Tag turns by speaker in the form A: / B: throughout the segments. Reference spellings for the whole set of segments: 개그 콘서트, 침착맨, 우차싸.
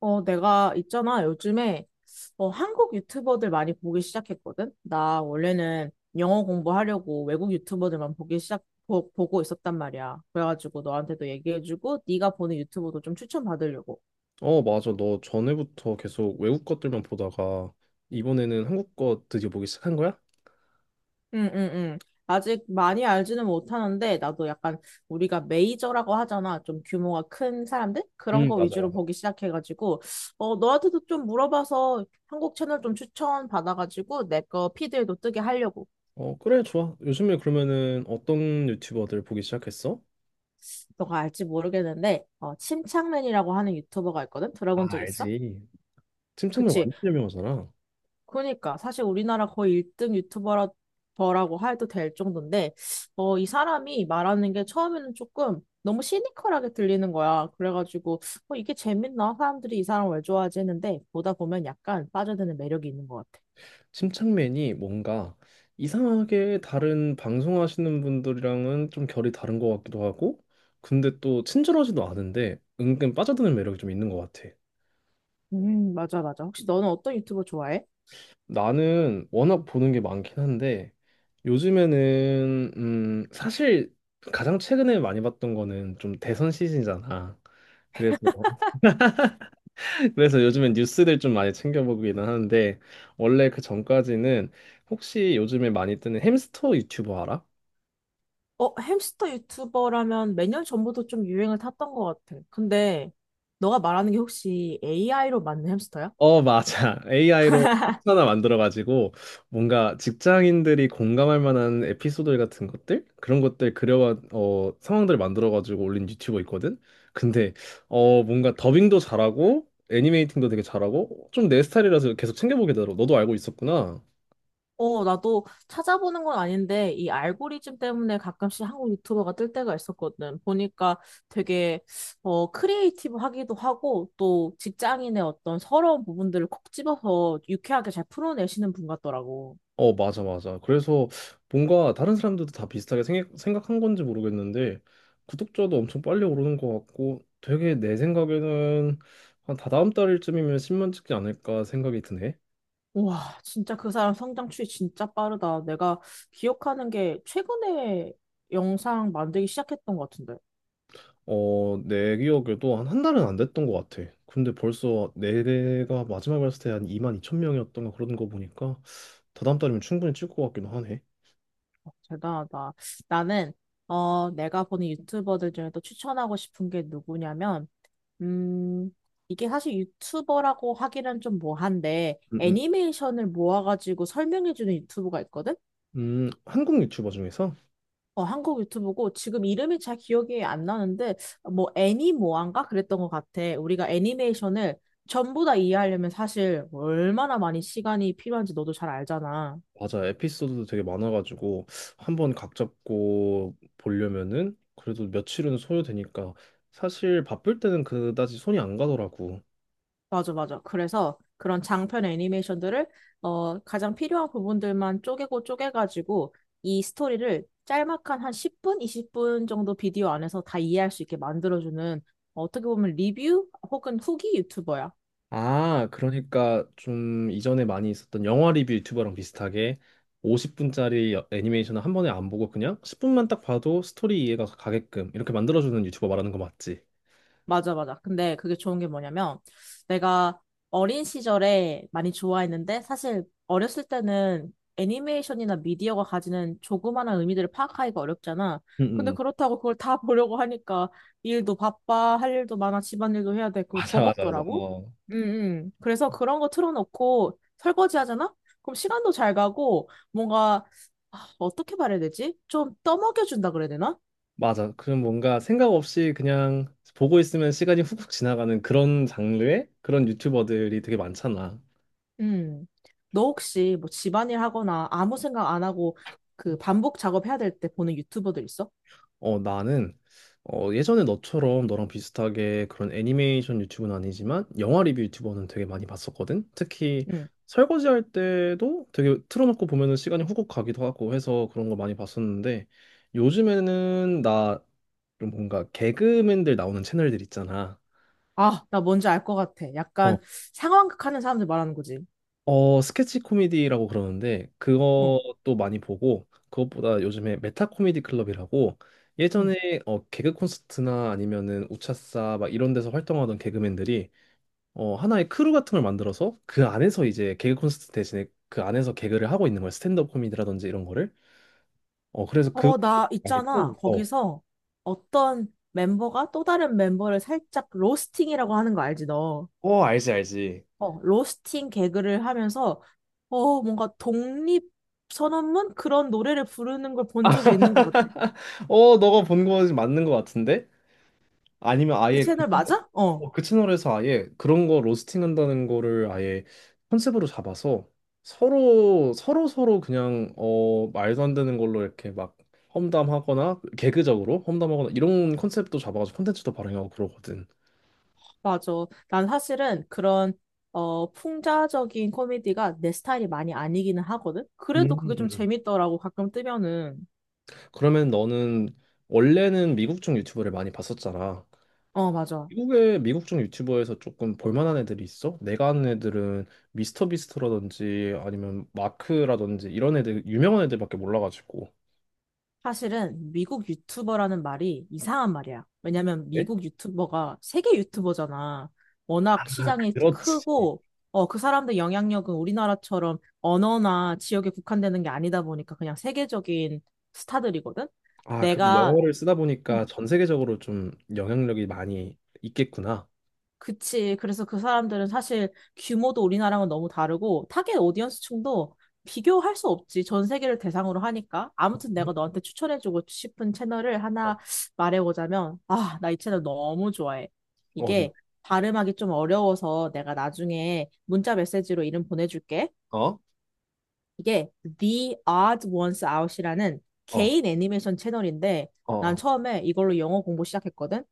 A: 내가 있잖아. 요즘에 한국 유튜버들 많이 보기 시작했거든. 나 원래는 영어 공부하려고 외국 유튜버들만 보고 있었단 말이야. 그래가지고 너한테도 얘기해주고 네가 보는 유튜버도 좀 추천받으려고.
B: 어, 맞아. 너 전에부터 계속 외국 것들만 보다가 이번에는 한국 거 드디어 보기 시작한 거야?
A: 응, 응, 응. 아직 많이 알지는 못하는데 나도 약간 우리가 메이저라고 하잖아. 좀 규모가 큰 사람들? 그런
B: 응,
A: 거
B: 맞아,
A: 위주로
B: 맞아.
A: 보기 시작해가지고 너한테도 좀 물어봐서 한국 채널 좀 추천 받아가지고 내 거 피드에도 뜨게 하려고.
B: 어, 그래, 좋아. 요즘에 그러면은 어떤 유튜버들 보기 시작했어?
A: 너가 알지 모르겠는데 침착맨이라고 하는 유튜버가 있거든?
B: 아,
A: 들어본 적 있어?
B: 알지. 침착맨
A: 그치.
B: 완전 유명하잖아.
A: 그러니까 사실 우리나라 거의 1등 유튜버라고 해도 될 정도인데 이 사람이 말하는 게 처음에는 조금 너무 시니컬하게 들리는 거야. 그래가지고 이게 재밌나? 사람들이 이 사람 왜 좋아하지 했는데 보다 보면 약간 빠져드는 매력이 있는 것 같아.
B: 침착맨이 뭔가 이상하게 다른 방송하시는 분들이랑은 좀 결이 다른 것 같기도 하고, 근데 또 친절하지도 않은데 은근 빠져드는 매력이 좀 있는 것 같아.
A: 맞아, 맞아. 혹시 너는 어떤 유튜버 좋아해?
B: 나는 워낙 보는 게 많긴 한데 요즘에는 사실 가장 최근에 많이 봤던 거는 좀 대선 시즌이잖아. 그래서 그래서 요즘엔 뉴스들 좀 많이 챙겨 보기는 하는데 원래 그 전까지는 혹시 요즘에 많이 뜨는 햄스터 유튜버 알아?
A: 어, 햄스터 유튜버라면 몇 년 전부터 좀 유행을 탔던 것 같아. 근데 너가 말하는 게 혹시 AI로 만든 햄스터야?
B: 어, 맞아. AI로 텍 하나 만들어가지고 뭔가 직장인들이 공감할 만한 에피소드 같은 것들? 그런 것들 그려, 어, 상황들 만들어가지고 올린 유튜버 있거든? 근데, 어, 뭔가 더빙도 잘하고 애니메이팅도 되게 잘하고 좀 내 스타일이라서 계속 챙겨보게 되더라고. 너도 알고 있었구나.
A: 나도 찾아보는 건 아닌데 이 알고리즘 때문에 가끔씩 한국 유튜버가 뜰 때가 있었거든. 보니까 되게 크리에이티브하기도 하고 또 직장인의 어떤 서러운 부분들을 콕 집어서 유쾌하게 잘 풀어내시는 분 같더라고.
B: 어, 맞아, 맞아. 그래서 뭔가 다른 사람들도 다 비슷하게 생각한 건지 모르겠는데, 구독자도 엄청 빨리 오르는 것 같고, 되게 내 생각에는 한 다다음 달쯤이면 10만 찍지 않을까 생각이 드네.
A: 와, 진짜 그 사람 성장 추이 진짜 빠르다. 내가 기억하는 게 최근에 영상 만들기 시작했던 것 같은데. 어,
B: 어, 내 기억에도 한 한 달은 안 됐던 것 같아. 근데 벌써 내가 마지막에 봤을 때 한 2만 2천 명이었던가 그러는 거 보니까, 다다음 달이면 충분히 찍을 것 같기도 하네.
A: 대단하다. 나는, 내가 보는 유튜버들 중에 또 추천하고 싶은 게 누구냐면, 음, 이게 사실 유튜버라고 하기는 좀 뭐한데,
B: 음, 음.
A: 애니메이션을 모아가지고 설명해주는 유튜브가 있거든?
B: 한국 유튜버 중에서?
A: 어, 한국 유튜브고 지금 이름이 잘 기억이 안 나는데 뭐 애니모아인가 그랬던 것 같아. 우리가 애니메이션을 전부 다 이해하려면 사실 얼마나 많이 시간이 필요한지 너도 잘 알잖아.
B: 맞아. 에피소드도 되게 많아가지고 한 번 각 잡고 보려면은 그래도 며칠은 소요되니까 사실 바쁠 때는 그다지 손이 안 가더라고.
A: 맞아, 맞아. 그래서 그런 장편 애니메이션들을 가장 필요한 부분들만 쪼개고 쪼개가지고 이 스토리를 짤막한 한 10분, 20분 정도 비디오 안에서 다 이해할 수 있게 만들어주는 어떻게 보면 리뷰 혹은 후기 유튜버야.
B: 아, 그러니까 좀 이전에 많이 있었던 영화 리뷰 유튜버랑 비슷하게 50분짜리 애니메이션을 한 번에 안 보고 그냥 10분만 딱 봐도 스토리 이해가 가게끔 이렇게 만들어주는 유튜버 말하는 거 맞지?
A: 맞아, 맞아. 근데 그게 좋은 게 뭐냐면, 내가 어린 시절에 많이 좋아했는데, 사실 어렸을 때는 애니메이션이나 미디어가 가지는 조그마한 의미들을 파악하기가 어렵잖아.
B: 응, 응.
A: 근데
B: 응.
A: 그렇다고 그걸 다 보려고 하니까, 일도 바빠, 할 일도 많아, 집안일도 해야 돼. 그거
B: 맞아, 맞아, 맞아.
A: 버겁더라고.
B: 어.
A: 그래서 그런 거 틀어놓고 설거지 하잖아? 그럼 시간도 잘 가고, 뭔가, 아, 어떻게 말해야 되지? 좀 떠먹여준다 그래야 되나?
B: 맞아. 그럼 뭔가 생각 없이 그냥 보고 있으면 시간이 훅훅 지나가는 그런 장르의 그런 유튜버들이 되게 많잖아.
A: 음. 너 혹시 뭐 집안일 하거나 아무 생각 안 하고 그 반복 작업해야 될 때 보는 유튜버들 있어?
B: 어, 나는 어, 예전에 너처럼 너랑 비슷하게 그런 애니메이션 유튜브는 아니지만 영화 리뷰 유튜버는 되게 많이 봤었거든. 특히
A: 응.
B: 설거지할 때도 되게 틀어놓고 보면은 시간이 훅훅 가기도 하고 해서 그런 거 많이 봤었는데 요즘에는 나좀 뭔가 개그맨들 나오는 채널들 있잖아.
A: 아, 나 뭔지 알 것 같아.
B: 어,
A: 약간 상황극 하는 사람들 말하는 거지.
B: 어, 스케치 코미디라고 그러는데
A: 어.
B: 그것도 많이 보고 그것보다 요즘에 메타 코미디 클럽이라고
A: 응.
B: 예전에 어, 개그 콘서트나 아니면은 우차싸 막 이런 데서 활동하던 개그맨들이 어, 하나의 크루 같은 걸 만들어서 그 안에서 이제 개그 콘서트 대신에 그 안에서 개그를 하고 있는 거야 스탠드업 코미디라든지 이런 거를. 어, 그래서
A: 어,
B: 그거
A: 나
B: 많이
A: 있잖아.
B: 틀어. 어.
A: 거기서 어떤 멤버가 또 다른 멤버를 살짝 로스팅이라고 하는 거 알지, 너?
B: 어, 알지, 알지.
A: 로스팅 개그를 하면서 뭔가 독립 선언문 그런 노래를 부르는 걸 본 적이 있는 것 같아.
B: 어, 너가 본 거 맞는 거 같은데? 아니면
A: 그
B: 아예 그,
A: 채널
B: 채널-
A: 맞아? 어.
B: 어, 그 채널에서 아예 그런 거 로스팅한다는 거를 아예 컨셉으로 잡아서 서로 서로 서로 그냥 어 말도 안 되는 걸로 이렇게 막 험담하거나 개그적으로 험담하거나 이런 컨셉도 잡아가지고 콘텐츠도 발행하고 그러거든.
A: 맞아. 난 사실은 그런 어 풍자적인 코미디가 내 스타일이 많이 아니기는 하거든.
B: 음,
A: 그래도 그게 좀
B: 음.
A: 재밌더라고 가끔 뜨면은.
B: 그러면 너는 원래는 미국 쪽 유튜브를 많이 봤었잖아.
A: 어, 맞아.
B: 미국 중 유튜버에서 조금 볼만한 애들이 있어? 내가 아는 애들은 미스터 비스트라든지 아니면 마크라든지 이런 애들 유명한 애들밖에 몰라가지고.
A: 사실은 미국 유튜버라는 말이 이상한 말이야. 왜냐면
B: 네?
A: 미국 유튜버가 세계 유튜버잖아.
B: 아,
A: 워낙 시장이
B: 그렇지.
A: 크고 어 그 사람들 영향력은 우리나라처럼 언어나 지역에 국한되는 게 아니다 보니까 그냥 세계적인 스타들이거든.
B: 아, 그럼
A: 내가
B: 영어를 쓰다 보니까
A: 음,
B: 전 세계적으로 좀 영향력이 많이 있겠구나.
A: 그치. 그래서 그 사람들은 사실 규모도 우리나라랑은 너무 다르고 타겟 오디언스층도 비교할 수 없지. 전 세계를 대상으로 하니까. 아무튼 내가 너한테 추천해주고 싶은 채널을
B: 어,
A: 하나 말해보자면, 아, 나 이 채널 너무 좋아해.
B: 어, 네.
A: 이게 발음하기 좀 어려워서 내가 나중에 문자 메시지로 이름 보내줄게.
B: 어,
A: 이게 The Odd Ones Out이라는
B: 어,
A: 개인 애니메이션 채널인데, 난
B: 어,
A: 처음에 이걸로 영어 공부 시작했거든.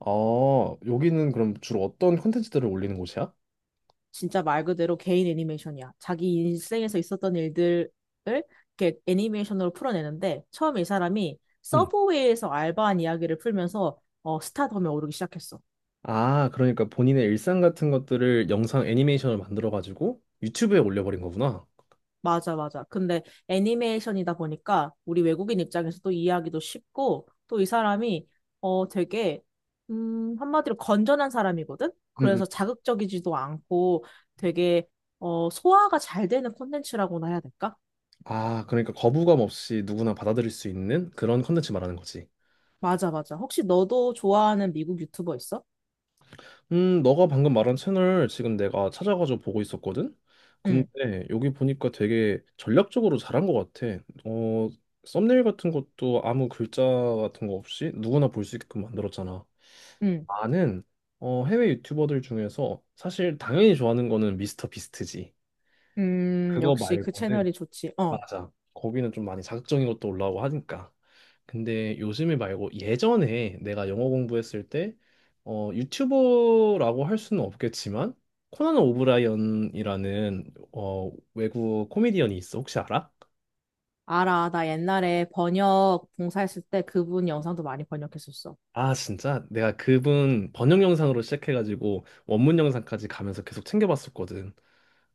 B: 어, 여기는 그럼 주로 어떤 콘텐츠들을 올리는 곳이야?
A: 진짜 말 그대로 개인 애니메이션이야. 자기 인생에서 있었던 일들을 이렇게 애니메이션으로 풀어내는데 처음 이 사람이
B: 응.
A: 서브웨이에서 알바한 이야기를 풀면서 스타덤에 오르기 시작했어.
B: 아, 그러니까 본인의 일상 같은 것들을 영상 애니메이션을 만들어가지고 유튜브에 올려버린 거구나.
A: 맞아, 맞아. 근데 애니메이션이다 보니까 우리 외국인 입장에서도 이해하기도 쉽고 또 이 사람이 어, 되게 한마디로 건전한 사람이거든?
B: 응,
A: 그래서 자극적이지도 않고 되게 소화가 잘 되는 콘텐츠라고나 해야 될까?
B: 아, 그러니까 거부감 없이 누구나 받아들일 수 있는 그런 컨텐츠 말하는 거지.
A: 맞아, 맞아. 혹시 너도 좋아하는 미국 유튜버 있어?
B: 너가 방금 말한 채널 지금 내가 찾아가지고 보고 있었거든?
A: 응,
B: 근데 여기 보니까 되게 전략적으로 잘한 것 같아. 어, 썸네일 같은 것도 아무 글자 같은 거 없이 누구나 볼 수 있게끔 만들었잖아.
A: 응.
B: 나는 어, 해외 유튜버들 중에서 사실 당연히 좋아하는 거는 미스터 비스트지. 그거
A: 역시 그
B: 말고는
A: 채널이 좋지. 어,
B: 맞아. 거기는 좀 많이 자극적인 것도 올라오고 하니까. 근데 요즘에 말고 예전에 내가 영어 공부했을 때 어, 유튜버라고 할 수는 없겠지만 코난 오브라이언이라는 어, 외국 코미디언이 있어. 혹시 알아?
A: 알아. 나 옛날에 번역 봉사했을 때 그분 영상도 많이 번역했었어.
B: 아, 진짜? 내가 그분 번역 영상으로 시작해가지고 원문 영상까지 가면서 계속 챙겨봤었거든.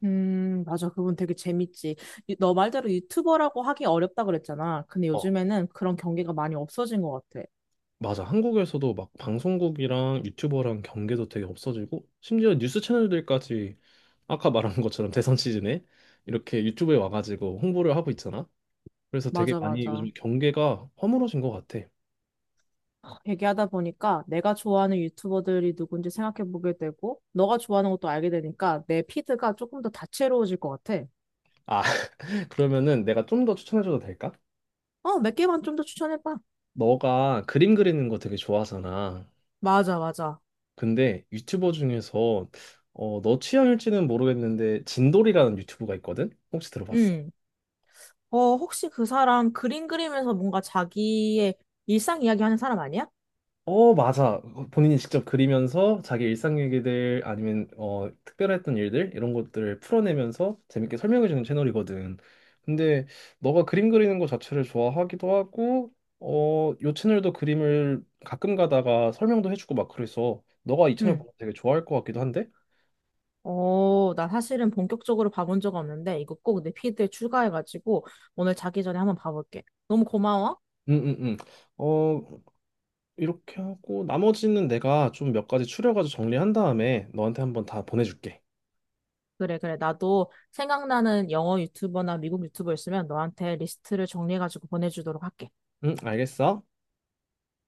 A: 맞아. 그분 되게 재밌지. 너 말대로 유튜버라고 하기 어렵다 그랬잖아. 근데
B: 어,
A: 요즘에는 그런 경계가 많이 없어진 것 같아.
B: 맞아. 한국에서도 막 방송국이랑 유튜버랑 경계도 되게 없어지고 심지어 뉴스 채널들까지 아까 말한 것처럼 대선 시즌에 이렇게 유튜브에 와가지고 홍보를 하고 있잖아. 그래서 되게
A: 맞아,
B: 많이
A: 맞아.
B: 요즘 경계가 허물어진 것 같아.
A: 하, 얘기하다 보니까 내가 좋아하는 유튜버들이 누군지 생각해보게 되고, 너가 좋아하는 것도 알게 되니까 내 피드가 조금 더 다채로워질 것 같아.
B: 아, 그러면은 내가 좀 더 추천해줘도 될까?
A: 어, 몇 개만 좀 더 추천해봐.
B: 너가 그림 그리는 거 되게 좋아하잖아.
A: 맞아, 맞아.
B: 근데 유튜버 중에서 어, 너 취향일지는 모르겠는데 진돌이라는 유튜브가 있거든? 혹시 들어봤어?
A: 응. 어, 혹시 그 사람 그림 그리면서 뭔가 자기의 일상 이야기하는 사람 아니야?
B: 어, 맞아. 본인이 직접 그리면서 자기 일상 얘기들 아니면 어, 특별했던 일들 이런 것들을 풀어내면서 재밌게 설명해주는 채널이거든. 근데 너가 그림 그리는 거 자체를 좋아하기도 하고, 어, 요 채널도 그림을 가끔 가다가 설명도 해주고 막 그래서 너가 이 채널
A: 응.
B: 보면 되게 좋아할 것 같기도 한데?
A: 어, 나 사실은 본격적으로 봐본 적 없는데, 이거 꼭 내 피드에 추가해가지고, 오늘 자기 전에 한번 봐볼게. 너무 고마워.
B: 응, 응, 응. 어, 이렇게 하고 나머지는 내가 좀 몇 가지 추려가지고 정리한 다음에 너한테 한번 다 보내줄게.
A: 그래, 그래. 나도 생각나는 영어 유튜버나 미국 유튜버 있으면 너한테 리스트를 정리해가지고 보내주도록 할게.
B: 응, 알겠어?